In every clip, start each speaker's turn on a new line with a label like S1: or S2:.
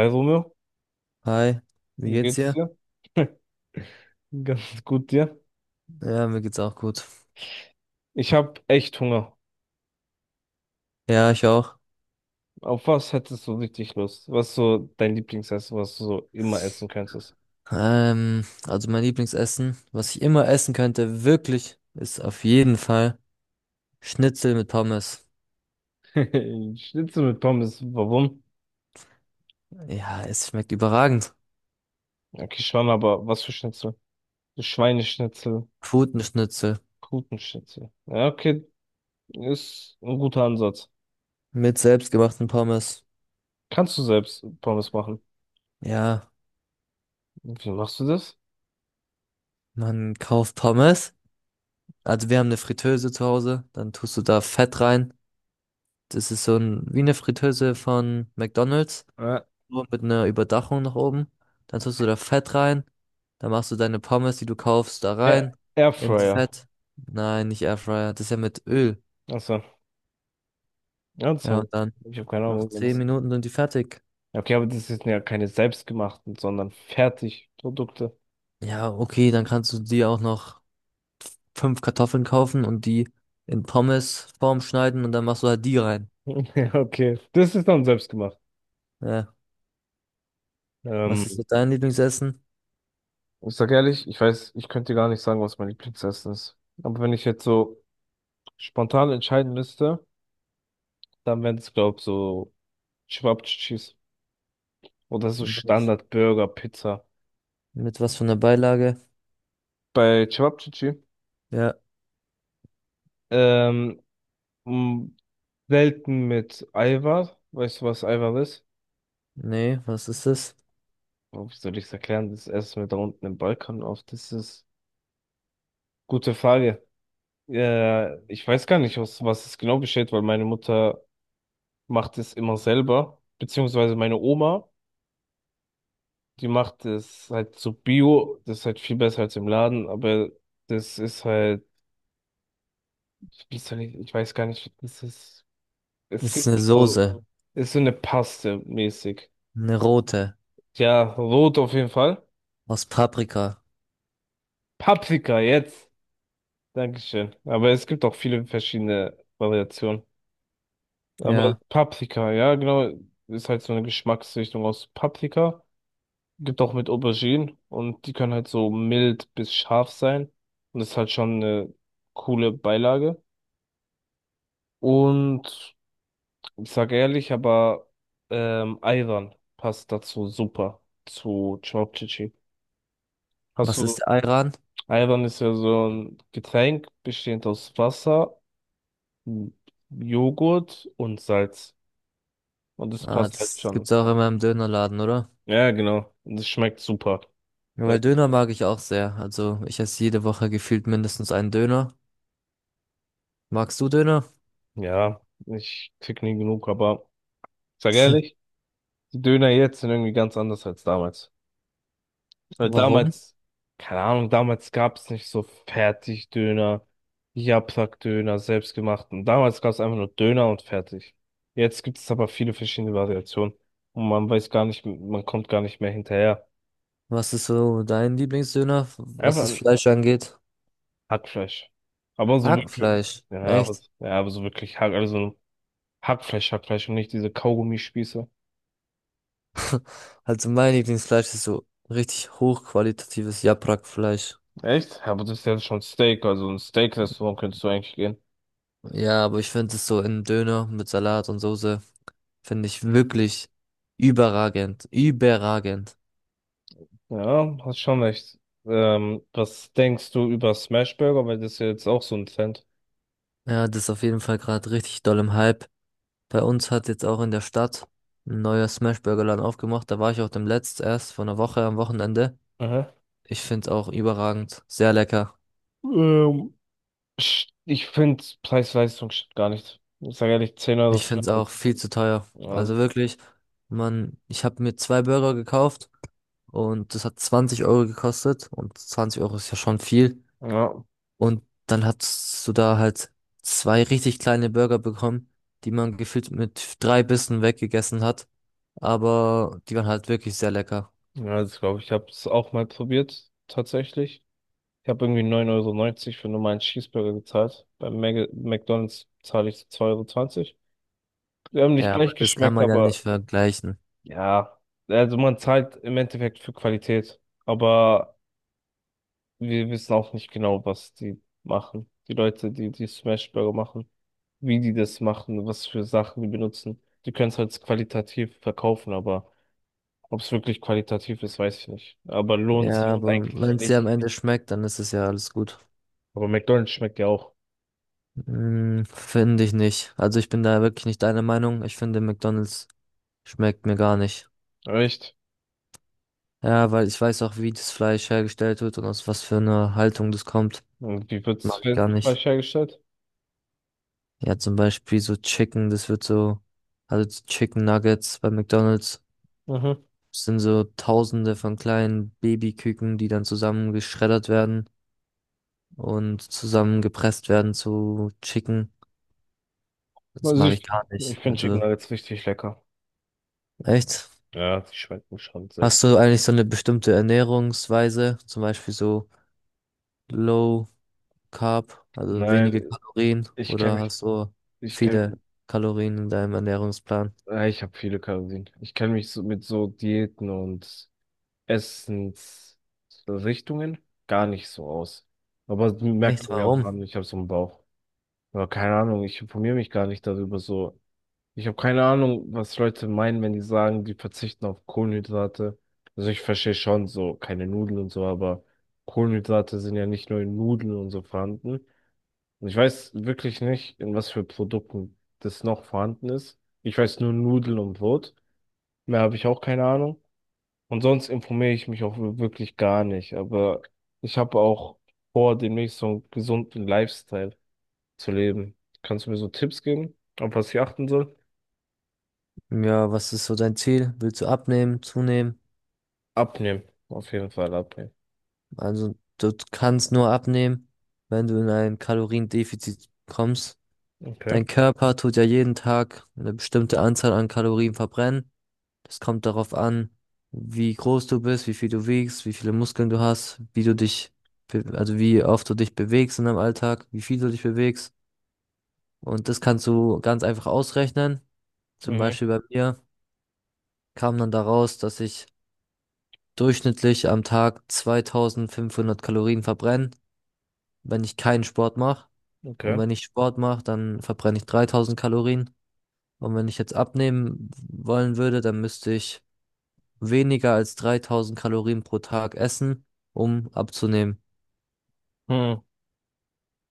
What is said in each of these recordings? S1: Hi Romeo,
S2: Hi, wie
S1: wie
S2: geht's
S1: geht's
S2: dir?
S1: dir? Ganz gut dir.
S2: Ja, mir geht's auch gut.
S1: Ich habe echt Hunger.
S2: Ja, ich auch.
S1: Auf was hättest du richtig Lust? Was ist so dein Lieblingsessen, was du so immer essen könntest?
S2: Also mein Lieblingsessen, was ich immer essen könnte, wirklich, ist auf jeden Fall Schnitzel mit Pommes.
S1: Schnitzel mit Pommes, warum?
S2: Ja, es schmeckt überragend.
S1: Okay, schon, aber was für Schnitzel? So Schweineschnitzel,
S2: Putenschnitzel
S1: Putenschnitzel. Ja, okay, ist ein guter Ansatz.
S2: mit selbstgemachten Pommes.
S1: Kannst du selbst Pommes machen?
S2: Ja,
S1: Wie machst du das?
S2: man kauft Pommes. Also wir haben eine Fritteuse zu Hause, dann tust du da Fett rein. Das ist so ein, wie eine Fritteuse von McDonald's.
S1: Äh,
S2: Nur mit einer Überdachung nach oben. Dann tust du da Fett rein. Dann machst du deine Pommes, die du kaufst, da
S1: Air
S2: rein. Ins
S1: Airfryer.
S2: Fett. Nein, nicht Airfryer. Das ist ja mit Öl.
S1: Achso, ja, das
S2: Ja,
S1: haben
S2: und dann
S1: wir. Ich habe keine
S2: noch
S1: Ahnung.
S2: 10 Minuten sind die fertig.
S1: Ja, okay, aber das sind ja keine selbstgemachten, sondern Fertigprodukte.
S2: Ja, okay, dann kannst du dir auch noch 5 Kartoffeln kaufen und die in Pommesform schneiden und dann machst du halt die rein.
S1: Ja, okay, das ist dann selbstgemacht.
S2: Ja. Was
S1: Ähm,
S2: ist mit deinem Lieblingsessen?
S1: ich sag ehrlich, ich weiß, ich könnte dir gar nicht sagen, was mein Lieblingsessen ist. Aber wenn ich jetzt so spontan entscheiden müsste, dann wären es, glaube ich, so Cevapcicis oder so
S2: Mit,
S1: Standard-Burger, Pizza.
S2: mit was von der Beilage?
S1: Bei Cevapcici,
S2: Ja.
S1: ähm, mh, selten mit Eiweiß. Weißt du, was Eiweiß ist?
S2: Nee, was ist das?
S1: Oh, wie soll ich es erklären? Das essen wir da unten im Balkan oft. Das ist gute Frage. Ich weiß gar nicht, aus was es genau besteht, weil meine Mutter macht es immer selber, beziehungsweise meine Oma, die macht es halt so Bio, das ist halt viel besser als im Laden, aber das ist halt, wie soll ich, ich weiß gar nicht, das ist, es
S2: Das ist eine
S1: gibt so,
S2: Soße.
S1: ist so eine Paste mäßig.
S2: Eine rote.
S1: Ja, rot auf jeden Fall.
S2: Aus Paprika.
S1: Paprika jetzt. Dankeschön. Aber es gibt auch viele verschiedene Variationen. Aber
S2: Ja.
S1: Paprika, ja, genau, ist halt so eine Geschmacksrichtung aus Paprika. Gibt auch mit Auberginen und die können halt so mild bis scharf sein. Und das ist halt schon eine coole Beilage. Und ich sage ehrlich, aber Ayran passt dazu super zu Chopchichi. Hast
S2: Was
S1: du,
S2: ist Ayran?
S1: Ayran ist ja so ein Getränk bestehend aus Wasser, M- Joghurt und Salz. Und das
S2: Ah,
S1: passt halt
S2: das
S1: schon.
S2: gibt's auch immer im Dönerladen, oder?
S1: Ja, genau. Und es schmeckt super.
S2: Ja,
S1: Weil-
S2: weil Döner mag ich auch sehr. Also ich esse jede Woche gefühlt mindestens einen Döner. Magst du Döner?
S1: ja, ich krieg nie genug, aber ich sag ehrlich. Die Döner jetzt sind irgendwie ganz anders als damals. Weil
S2: Warum?
S1: damals, keine Ahnung, damals gab es nicht so Fertigdöner, Japsack-Döner, selbstgemachten. Damals gab es einfach nur Döner und fertig. Jetzt gibt es aber viele verschiedene Variationen. Und man weiß gar nicht, man kommt gar nicht mehr hinterher.
S2: Was ist so dein Lieblingsdöner, was
S1: Einfach
S2: das
S1: ein
S2: Fleisch angeht?
S1: Hackfleisch. Aber so wirklich,
S2: Hackfleisch. Echt?
S1: ja, aber so wirklich Hack, also Hackfleisch, Hackfleisch und nicht diese Kaugummispieße.
S2: Also mein Lieblingsfleisch ist so richtig hochqualitatives Japrakfleisch.
S1: Echt? Ja, aber das ist ja schon Steak, also ein Steak-Restaurant könntest du eigentlich gehen.
S2: Ja, aber ich finde es so in Döner mit Salat und Soße, finde ich wirklich überragend. Überragend.
S1: Ja, hast schon recht. Was denkst du über Smash Burger? Weil das ist ja jetzt auch so ein Trend.
S2: Ja, das ist auf jeden Fall gerade richtig doll im Hype. Bei uns hat jetzt auch in der Stadt ein neuer Smashburger-Laden aufgemacht. Da war ich auch dem letzten erst vor einer Woche am Wochenende.
S1: Aha.
S2: Ich find's auch überragend, sehr lecker.
S1: Ähm, ich finde Preis-Leistung stimmt gar nicht. Ich sage ehrlich, 10 €
S2: Ich
S1: für
S2: find's
S1: so ein-
S2: auch viel zu teuer.
S1: also,
S2: Also wirklich, man, ich habe mir zwei Burger gekauft und das hat 20 Euro gekostet und 20 Euro ist ja schon viel.
S1: ja,
S2: Und dann hast du da halt zwei richtig kleine Burger bekommen, die man gefühlt mit drei Bissen weggegessen hat. Aber die waren halt wirklich sehr lecker.
S1: ja, das glaube ich. Ich habe es auch mal probiert, tatsächlich. Ich habe irgendwie 9,90 € für normalen Cheeseburger gezahlt. Beim Mag McDonald's zahle ich so zwei Euro zwanzig. Die haben nicht
S2: Ja, aber
S1: gleich
S2: das kann
S1: geschmeckt,
S2: man ja
S1: aber
S2: nicht vergleichen.
S1: ja, also man zahlt im Endeffekt für Qualität. Aber wir wissen auch nicht genau, was die machen. Die Leute, die die Smash Burger machen, wie die das machen, was für Sachen die benutzen. Die können es halt qualitativ verkaufen, aber ob es wirklich qualitativ ist, weiß ich nicht. Aber lohnt
S2: Ja,
S1: sich
S2: aber
S1: eigentlich
S2: wenn es dir am
S1: nicht.
S2: Ende schmeckt, dann ist es ja alles gut.
S1: Aber McDonald's schmeckt ja auch.
S2: Hm, finde ich nicht. Also ich bin da wirklich nicht deiner Meinung. Ich finde, McDonald's schmeckt mir gar nicht.
S1: Echt?
S2: Ja, weil ich weiß auch, wie das Fleisch hergestellt wird und aus was für einer Haltung das kommt.
S1: Und wie wird es
S2: Mag ich gar nicht.
S1: falsch hergestellt?
S2: Ja, zum Beispiel so Chicken, das wird so, also die Chicken Nuggets bei McDonald's
S1: Mhm.
S2: sind so Tausende von kleinen Babyküken, die dann zusammen geschreddert werden und zusammengepresst werden zu Chicken. Das
S1: Also
S2: mag ich
S1: ich,
S2: gar
S1: ich
S2: nicht.
S1: finde Chicken
S2: Also
S1: Nuggets richtig lecker.
S2: Echt?
S1: Ja, die schmecken schon sehr gut.
S2: Hast du eigentlich so eine bestimmte Ernährungsweise, zum Beispiel so Low Carb, also wenige
S1: Nein,
S2: Kalorien,
S1: ich kenne
S2: oder
S1: mich,
S2: hast du
S1: ich kenne,
S2: viele Kalorien in deinem Ernährungsplan?
S1: ich habe viele Kalorien. Ich kenne mich so mit so Diäten und Essensrichtungen gar nicht so aus. Aber das merkt
S2: Echt,
S1: man mir auch
S2: warum?
S1: an, ich habe so einen Bauch. Aber keine Ahnung, ich informiere mich gar nicht darüber so. Ich habe keine Ahnung, was Leute meinen, wenn die sagen, die verzichten auf Kohlenhydrate. Also ich verstehe schon so, keine Nudeln und so, aber Kohlenhydrate sind ja nicht nur in Nudeln und so vorhanden. Und ich weiß wirklich nicht, in was für Produkten das noch vorhanden ist. Ich weiß nur Nudeln und Brot. Mehr habe ich auch keine Ahnung. Und sonst informiere ich mich auch wirklich gar nicht. Aber ich habe auch vor, demnächst so einen gesunden Lifestyle zu leben. Kannst du mir so Tipps geben, auf was ich achten soll?
S2: Ja, was ist so dein Ziel? Willst du abnehmen, zunehmen?
S1: Abnehmen. Auf jeden Fall abnehmen.
S2: Also du kannst nur abnehmen, wenn du in ein Kaloriendefizit kommst.
S1: Okay.
S2: Dein Körper tut ja jeden Tag eine bestimmte Anzahl an Kalorien verbrennen. Das kommt darauf an, wie groß du bist, wie viel du wiegst, wie viele Muskeln du hast, wie du dich, also wie oft du dich bewegst in deinem Alltag, wie viel du dich bewegst. Und das kannst du ganz einfach ausrechnen. Zum
S1: Mhm.
S2: Beispiel bei mir kam dann daraus, dass ich durchschnittlich am Tag 2.500 Kalorien verbrenne, wenn ich keinen Sport mache. Und
S1: Okay.
S2: wenn ich Sport mache, dann verbrenne ich 3.000 Kalorien. Und wenn ich jetzt abnehmen wollen würde, dann müsste ich weniger als 3.000 Kalorien pro Tag essen, um abzunehmen.
S1: Hm.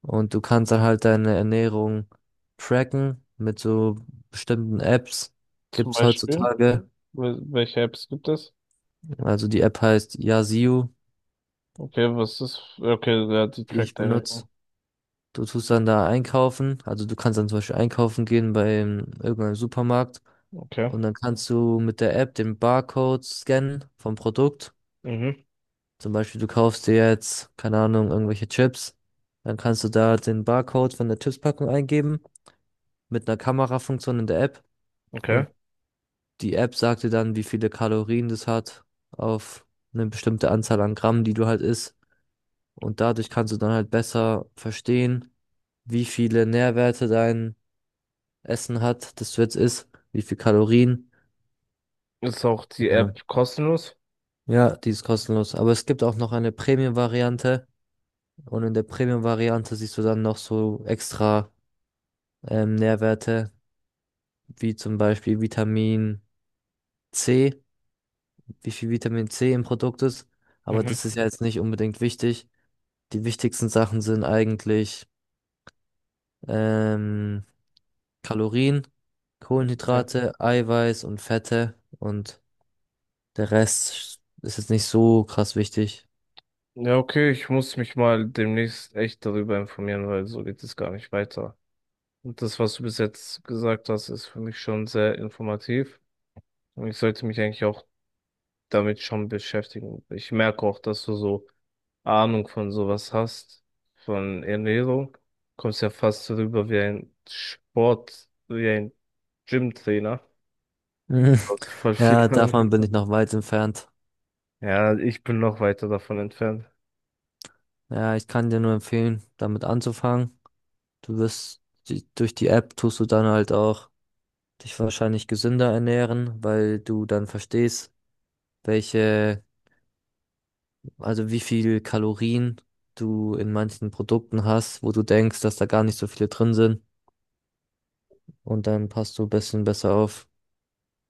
S2: Und du kannst dann halt deine Ernährung tracken mit so bestimmten Apps.
S1: Zum
S2: Gibt's
S1: Beispiel,
S2: heutzutage.
S1: Welche Apps gibt es?
S2: Also die App heißt Yazoo,
S1: Okay, was ist? Okay, ja, die
S2: die ich
S1: trackt deine.
S2: benutze. Du tust dann da einkaufen. Also du kannst dann zum Beispiel einkaufen gehen bei irgendeinem Supermarkt.
S1: Okay.
S2: Und dann kannst du mit der App den Barcode scannen vom Produkt.
S1: Mhm.
S2: Zum Beispiel, du kaufst dir jetzt, keine Ahnung, irgendwelche Chips. Dann kannst du da den Barcode von der Chipspackung eingeben mit einer Kamerafunktion in der App.
S1: Okay.
S2: Und die App sagt dir dann, wie viele Kalorien das hat auf eine bestimmte Anzahl an Gramm, die du halt isst. Und dadurch kannst du dann halt besser verstehen, wie viele Nährwerte dein Essen hat, das du jetzt isst, wie viel Kalorien.
S1: Ist auch die
S2: Ja.
S1: App kostenlos?
S2: Ja, die ist kostenlos. Aber es gibt auch noch eine Premium-Variante. Und in der Premium-Variante siehst du dann noch so extra Nährwerte, wie zum Beispiel Vitamin C, wie viel Vitamin C im Produkt ist. Aber
S1: Mhm.
S2: das ist ja jetzt nicht unbedingt wichtig. Die wichtigsten Sachen sind eigentlich ähm, Kalorien,
S1: Okay.
S2: Kohlenhydrate, Eiweiß und Fette. Und der Rest ist jetzt nicht so krass wichtig.
S1: Ja, okay, ich muss mich mal demnächst echt darüber informieren, weil so geht es gar nicht weiter. Und das, was du bis jetzt gesagt hast, ist für mich schon sehr informativ. Und ich sollte mich eigentlich auch damit schon beschäftigen. Ich merke auch, dass du so Ahnung von sowas hast, von Ernährung. Kommst ja fast rüber wie ein Sport, wie ein Gymtrainer.
S2: Mhm.
S1: Also voll viel.
S2: Ja,
S1: Ahnung.
S2: davon bin ich noch weit entfernt.
S1: Ja, ich bin noch weiter davon entfernt.
S2: Ja, ich kann dir nur empfehlen, damit anzufangen. Du wirst durch die App tust du dann halt auch dich wahrscheinlich gesünder ernähren, weil du dann verstehst, welche, also wie viel Kalorien du in manchen Produkten hast, wo du denkst, dass da gar nicht so viele drin sind. Und dann passt du ein bisschen besser auf.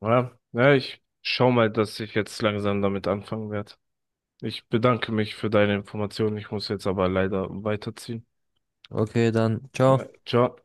S1: Ja, ja, ich schau mal, dass ich jetzt langsam damit anfangen werde. Ich bedanke mich für deine Informationen. Ich muss jetzt aber leider weiterziehen.
S2: Okay, dann, ciao.
S1: Ciao.